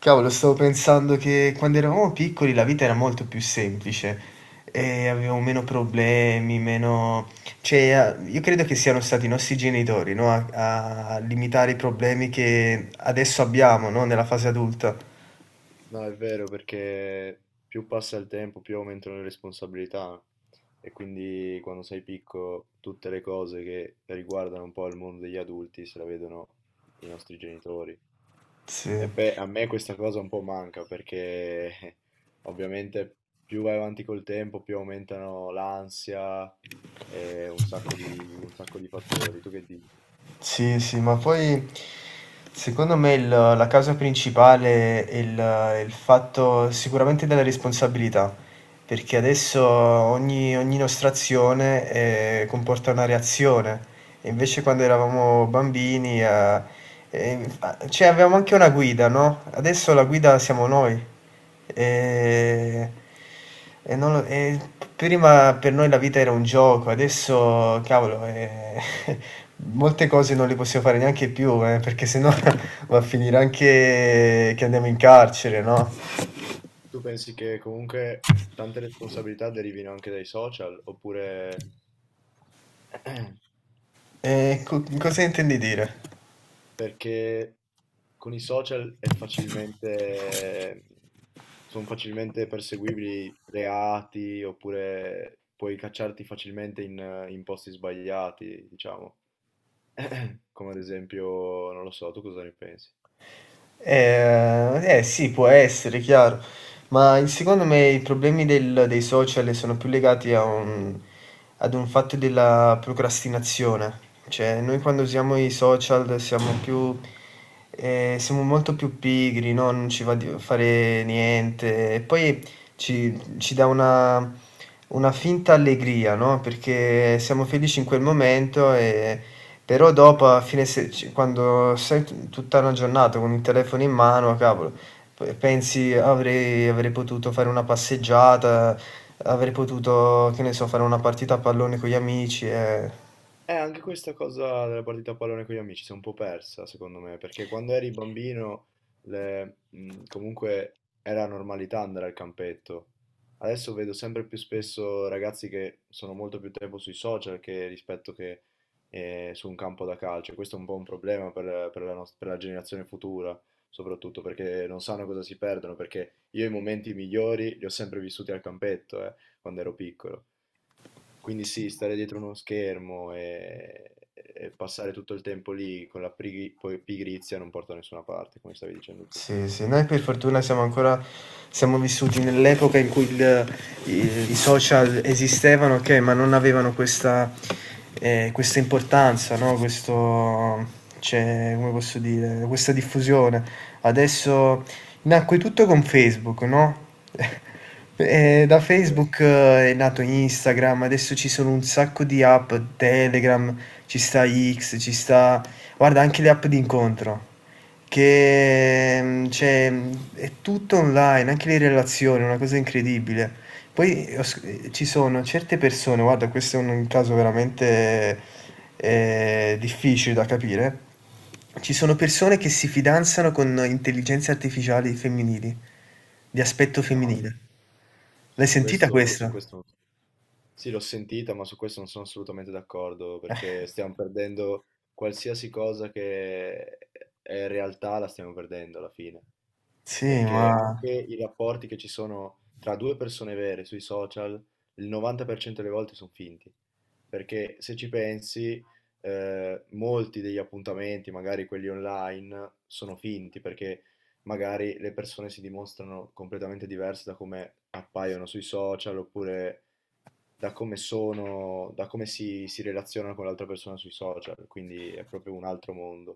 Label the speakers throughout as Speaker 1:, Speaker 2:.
Speaker 1: Cavolo, stavo pensando che quando eravamo piccoli la vita era molto più semplice e avevamo meno problemi, meno. Cioè, io credo che siano stati i nostri genitori, no, a limitare i problemi che adesso abbiamo, no, nella fase adulta.
Speaker 2: No, è vero perché più passa il tempo, più aumentano le responsabilità e quindi quando sei piccolo tutte le cose che riguardano un po' il mondo degli adulti se la vedono i nostri genitori.
Speaker 1: Sì.
Speaker 2: A me questa cosa un po' manca perché ovviamente più vai avanti col tempo, più aumentano l'ansia e un sacco di fattori. Tu che dici?
Speaker 1: Sì, sì, ma poi secondo me la causa principale è il fatto sicuramente della responsabilità, perché adesso ogni nostra azione comporta una reazione, e invece quando eravamo bambini fa cioè avevamo anche una guida, no, adesso la guida siamo noi. Ehm, e non lo e p prima per noi la vita era un gioco, adesso cavolo, molte cose non le possiamo fare neanche più, perché se no va a finire anche che andiamo in carcere, no?
Speaker 2: Tu pensi che comunque tante responsabilità derivino anche dai social oppure...
Speaker 1: Co Cosa intendi dire?
Speaker 2: Perché con i social è facilmente, sono facilmente perseguibili reati oppure puoi cacciarti facilmente in posti sbagliati, diciamo. Come ad esempio, non lo so, tu cosa ne pensi?
Speaker 1: Eh, sì, può essere, chiaro, ma secondo me i problemi dei social sono più legati ad un fatto della procrastinazione, cioè noi quando usiamo i social siamo molto più pigri, no? Non ci va di fare niente, e poi ci dà una finta allegria, no? Perché siamo felici in quel momento, però dopo, a fine se- ci- quando tutta una giornata con il telefono in mano, cavolo, pensi avrei potuto fare una passeggiata, avrei potuto, che ne so, fare una partita a pallone con gli amici.
Speaker 2: Anche questa cosa della partita a pallone con gli amici si è un po' persa, secondo me, perché quando eri bambino comunque era normalità andare al campetto. Adesso vedo sempre più spesso ragazzi che sono molto più tempo sui social che rispetto che su un campo da calcio. Questo è un po' un problema per la per la generazione futura, soprattutto perché non sanno cosa si perdono, perché io i momenti migliori li ho sempre vissuti al campetto, quando ero piccolo. Quindi sì, stare dietro uno schermo e passare tutto il tempo lì con la pigri- poi pigrizia non porta da nessuna parte, come stavi dicendo tu.
Speaker 1: Sì, sì, noi per fortuna siamo vissuti nell'epoca in cui il i i social esistevano, okay, ma non avevano questa importanza, no, questo cioè, come posso dire, questa diffusione. Adesso nacque tutto con Facebook, no, da
Speaker 2: Davvero?
Speaker 1: Facebook è nato Instagram, adesso ci sono un sacco di app, Telegram, ci sta X, ci sta guarda anche le app d'incontro. Che, cioè, è tutto online, anche le relazioni, è una cosa incredibile. Poi ho sc ci sono certe persone, guarda questo è un caso veramente, difficile da capire. Ci sono persone che si fidanzano con intelligenze artificiali femminili, di aspetto
Speaker 2: No,
Speaker 1: femminile. L'hai
Speaker 2: su
Speaker 1: sentita
Speaker 2: questo, su
Speaker 1: questa?
Speaker 2: questo, sì, l'ho sentita, ma su questo non sono assolutamente d'accordo,
Speaker 1: Eh.
Speaker 2: perché stiamo perdendo qualsiasi cosa che è realtà, la stiamo perdendo alla fine.
Speaker 1: Sì,
Speaker 2: Perché
Speaker 1: ma.
Speaker 2: anche i rapporti che ci sono tra due persone vere sui social, il 90% delle volte sono finti. Perché se ci pensi, molti degli appuntamenti, magari quelli online, sono finti perché magari le persone si dimostrano completamente diverse da come appaiono sui social oppure da come si relazionano con l'altra persona sui social. Quindi è proprio un altro mondo.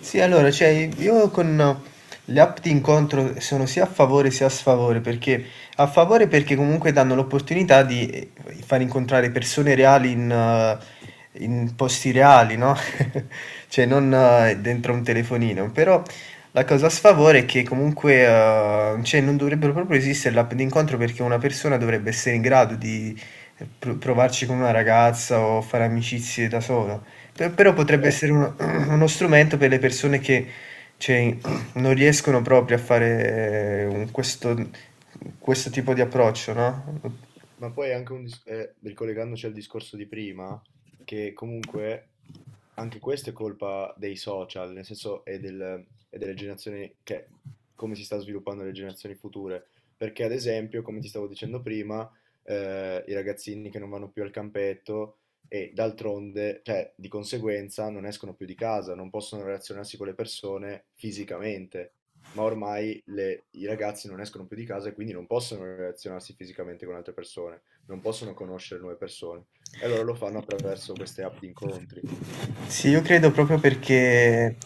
Speaker 1: Sì, allora, cioè, io con le app di incontro sono sia a favore sia a sfavore, perché a favore perché comunque danno l'opportunità di far incontrare persone reali in posti reali, no? Cioè, non dentro un telefonino, però la cosa a sfavore è che comunque, cioè, non dovrebbero proprio esistere le app di incontro perché una persona dovrebbe essere in grado di provarci con una ragazza o fare amicizie da sola. Però potrebbe
Speaker 2: Beh,
Speaker 1: essere uno strumento per le persone che cioè, non riescono proprio a fare questo tipo di approccio, no?
Speaker 2: ma poi è anche un ricollegandoci al discorso di prima, che comunque anche questo è colpa dei social, nel senso e delle generazioni che, come si sta sviluppando le generazioni future. Perché, ad esempio, come ti stavo dicendo prima, i ragazzini che non vanno più al campetto e d'altronde, cioè di conseguenza, non escono più di casa, non possono relazionarsi con le persone fisicamente. Ma ormai i ragazzi non escono più di casa e quindi non possono relazionarsi fisicamente con altre persone, non possono conoscere nuove persone. E allora lo fanno attraverso queste app di incontri.
Speaker 1: Sì, io credo proprio perché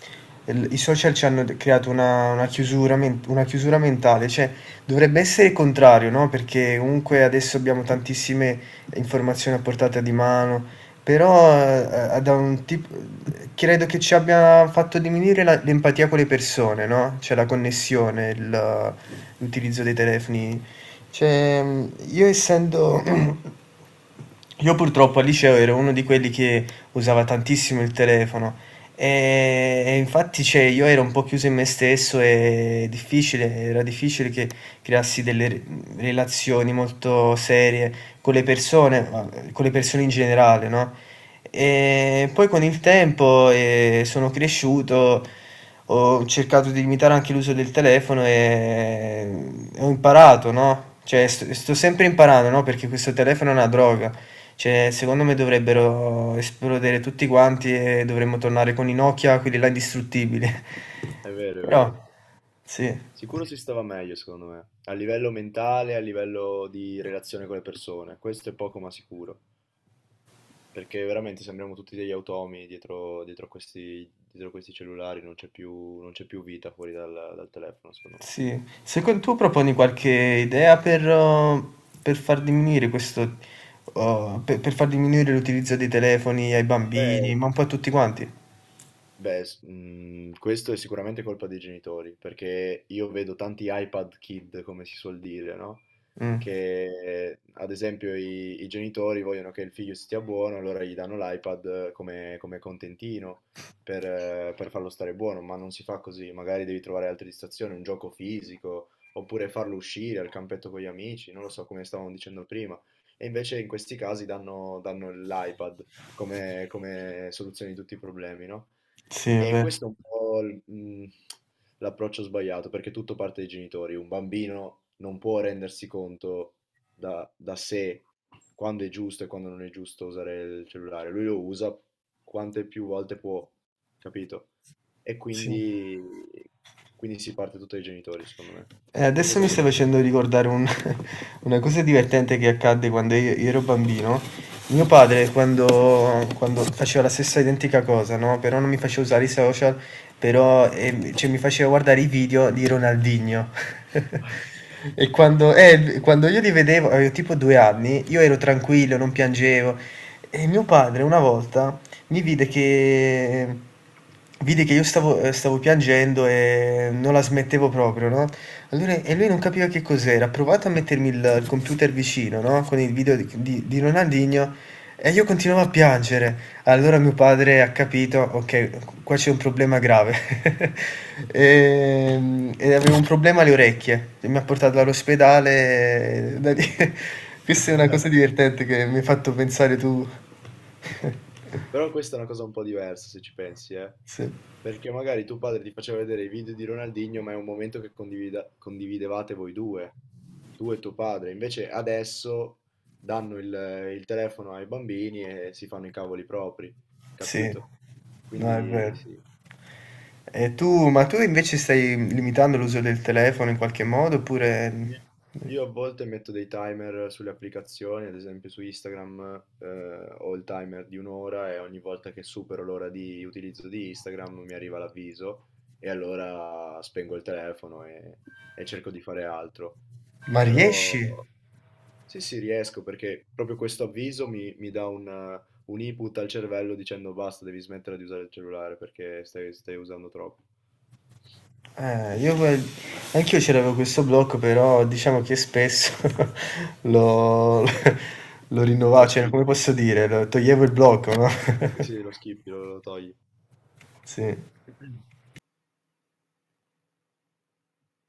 Speaker 1: i social ci hanno creato una chiusura, una chiusura mentale, cioè dovrebbe essere il contrario, no? Perché comunque adesso abbiamo tantissime informazioni a portata di mano, però credo che ci abbia fatto diminuire l'empatia con le persone, no? Cioè la connessione, l'utilizzo dei telefoni. Cioè, io essendo io purtroppo al liceo ero uno di quelli che usava tantissimo il telefono e infatti cioè, io ero un po' chiuso in me stesso e era difficile che creassi delle relazioni molto serie con le persone, ma con le persone in generale, no? E poi con il tempo sono cresciuto, ho cercato di limitare anche l'uso del telefono e ho imparato, no? Cioè, sto sempre imparando, no? Perché questo telefono è una droga. Cioè, secondo me
Speaker 2: Eh,
Speaker 1: dovrebbero esplodere tutti quanti e dovremmo tornare con i Nokia, quelli là indistruttibili.
Speaker 2: È vero, è
Speaker 1: Però,
Speaker 2: vero.
Speaker 1: sì,
Speaker 2: Sicuro si stava meglio, secondo me, a livello mentale, a livello di relazione con le persone. Questo è poco ma sicuro, perché veramente sembriamo tutti degli automi dietro dietro questi cellulari, non c'è più vita dal telefono, secondo me.
Speaker 1: sì. Secondo tu proponi qualche idea per far diminuire per far diminuire l'utilizzo dei telefoni ai bambini,
Speaker 2: Beh,
Speaker 1: ma un po' a tutti quanti?
Speaker 2: beh, questo è sicuramente colpa dei genitori, perché io vedo tanti iPad kid, come si suol dire, no?
Speaker 1: Mm,
Speaker 2: Che ad esempio i genitori vogliono che il figlio stia buono, allora gli danno l'iPad come contentino per farlo stare buono, ma non si fa così, magari devi trovare altre distrazioni, un gioco fisico, oppure farlo uscire al campetto con gli amici, non lo so come stavamo dicendo prima. E invece in questi casi danno l'iPad come soluzione di tutti i problemi, no?
Speaker 1: sì, è
Speaker 2: E
Speaker 1: vero.
Speaker 2: questo è un po' il- l'approccio sbagliato, perché tutto parte dai genitori. Un bambino non può rendersi conto da sé quando è giusto e quando non è giusto usare il cellulare. Lui lo usa quante più volte può, capito? E
Speaker 1: Sì.
Speaker 2: quindi, quindi si parte tutto dai genitori, secondo me. Tu
Speaker 1: Adesso
Speaker 2: cosa
Speaker 1: mi
Speaker 2: ne
Speaker 1: stai
Speaker 2: pensi?
Speaker 1: facendo ricordare una cosa divertente che accadde quando io ero bambino. Mio padre, quando faceva la stessa identica cosa, no? Però non mi faceva usare i social, però cioè, mi faceva guardare i video di Ronaldinho. E quando io li vedevo, avevo tipo 2 anni, io ero tranquillo, non piangevo. E mio padre una volta mi vide che io stavo piangendo e non la smettevo proprio, no? Allora, lui non capiva che cos'era, ha provato a mettermi il computer vicino, no, con il video di Ronaldinho e io continuavo a piangere. Allora mio padre ha capito: "Okay, q qua c'è un problema grave". E avevo un problema alle orecchie e mi ha portato all'ospedale da lì questa è una cosa divertente che mi hai fatto pensare tu.
Speaker 2: Però questa è una cosa un po' diversa se ci pensi, eh.
Speaker 1: Sì.
Speaker 2: Perché magari tuo padre ti faceva vedere i video di Ronaldinho, ma è un momento che condividevate voi due, tu e tuo padre. Invece adesso danno il telefono ai bambini e si fanno i cavoli propri,
Speaker 1: Sì,
Speaker 2: capito?
Speaker 1: no, è
Speaker 2: Quindi
Speaker 1: vero.
Speaker 2: sì.
Speaker 1: Ma tu invece stai limitando l'uso del telefono in qualche modo oppure.
Speaker 2: Io io a volte metto dei timer sulle applicazioni, ad esempio su Instagram, ho il timer di un'ora e ogni volta che supero l'ora di utilizzo di Instagram mi arriva l'avviso e allora spengo il telefono e cerco di fare altro.
Speaker 1: Ma
Speaker 2: Però
Speaker 1: riesci?
Speaker 2: sì, sì, riesco perché proprio questo avviso mi dà un input al cervello dicendo basta, devi smettere di usare il cellulare perché stai usando troppo.
Speaker 1: Eh, io que- anch'io c'avevo questo blocco, però diciamo che spesso lo rinnovavo,
Speaker 2: Lo
Speaker 1: cioè come
Speaker 2: skippi.
Speaker 1: posso dire, toglievo il blocco, no?
Speaker 2: Sì, sì, lo skippi, lo togli.
Speaker 1: Sì.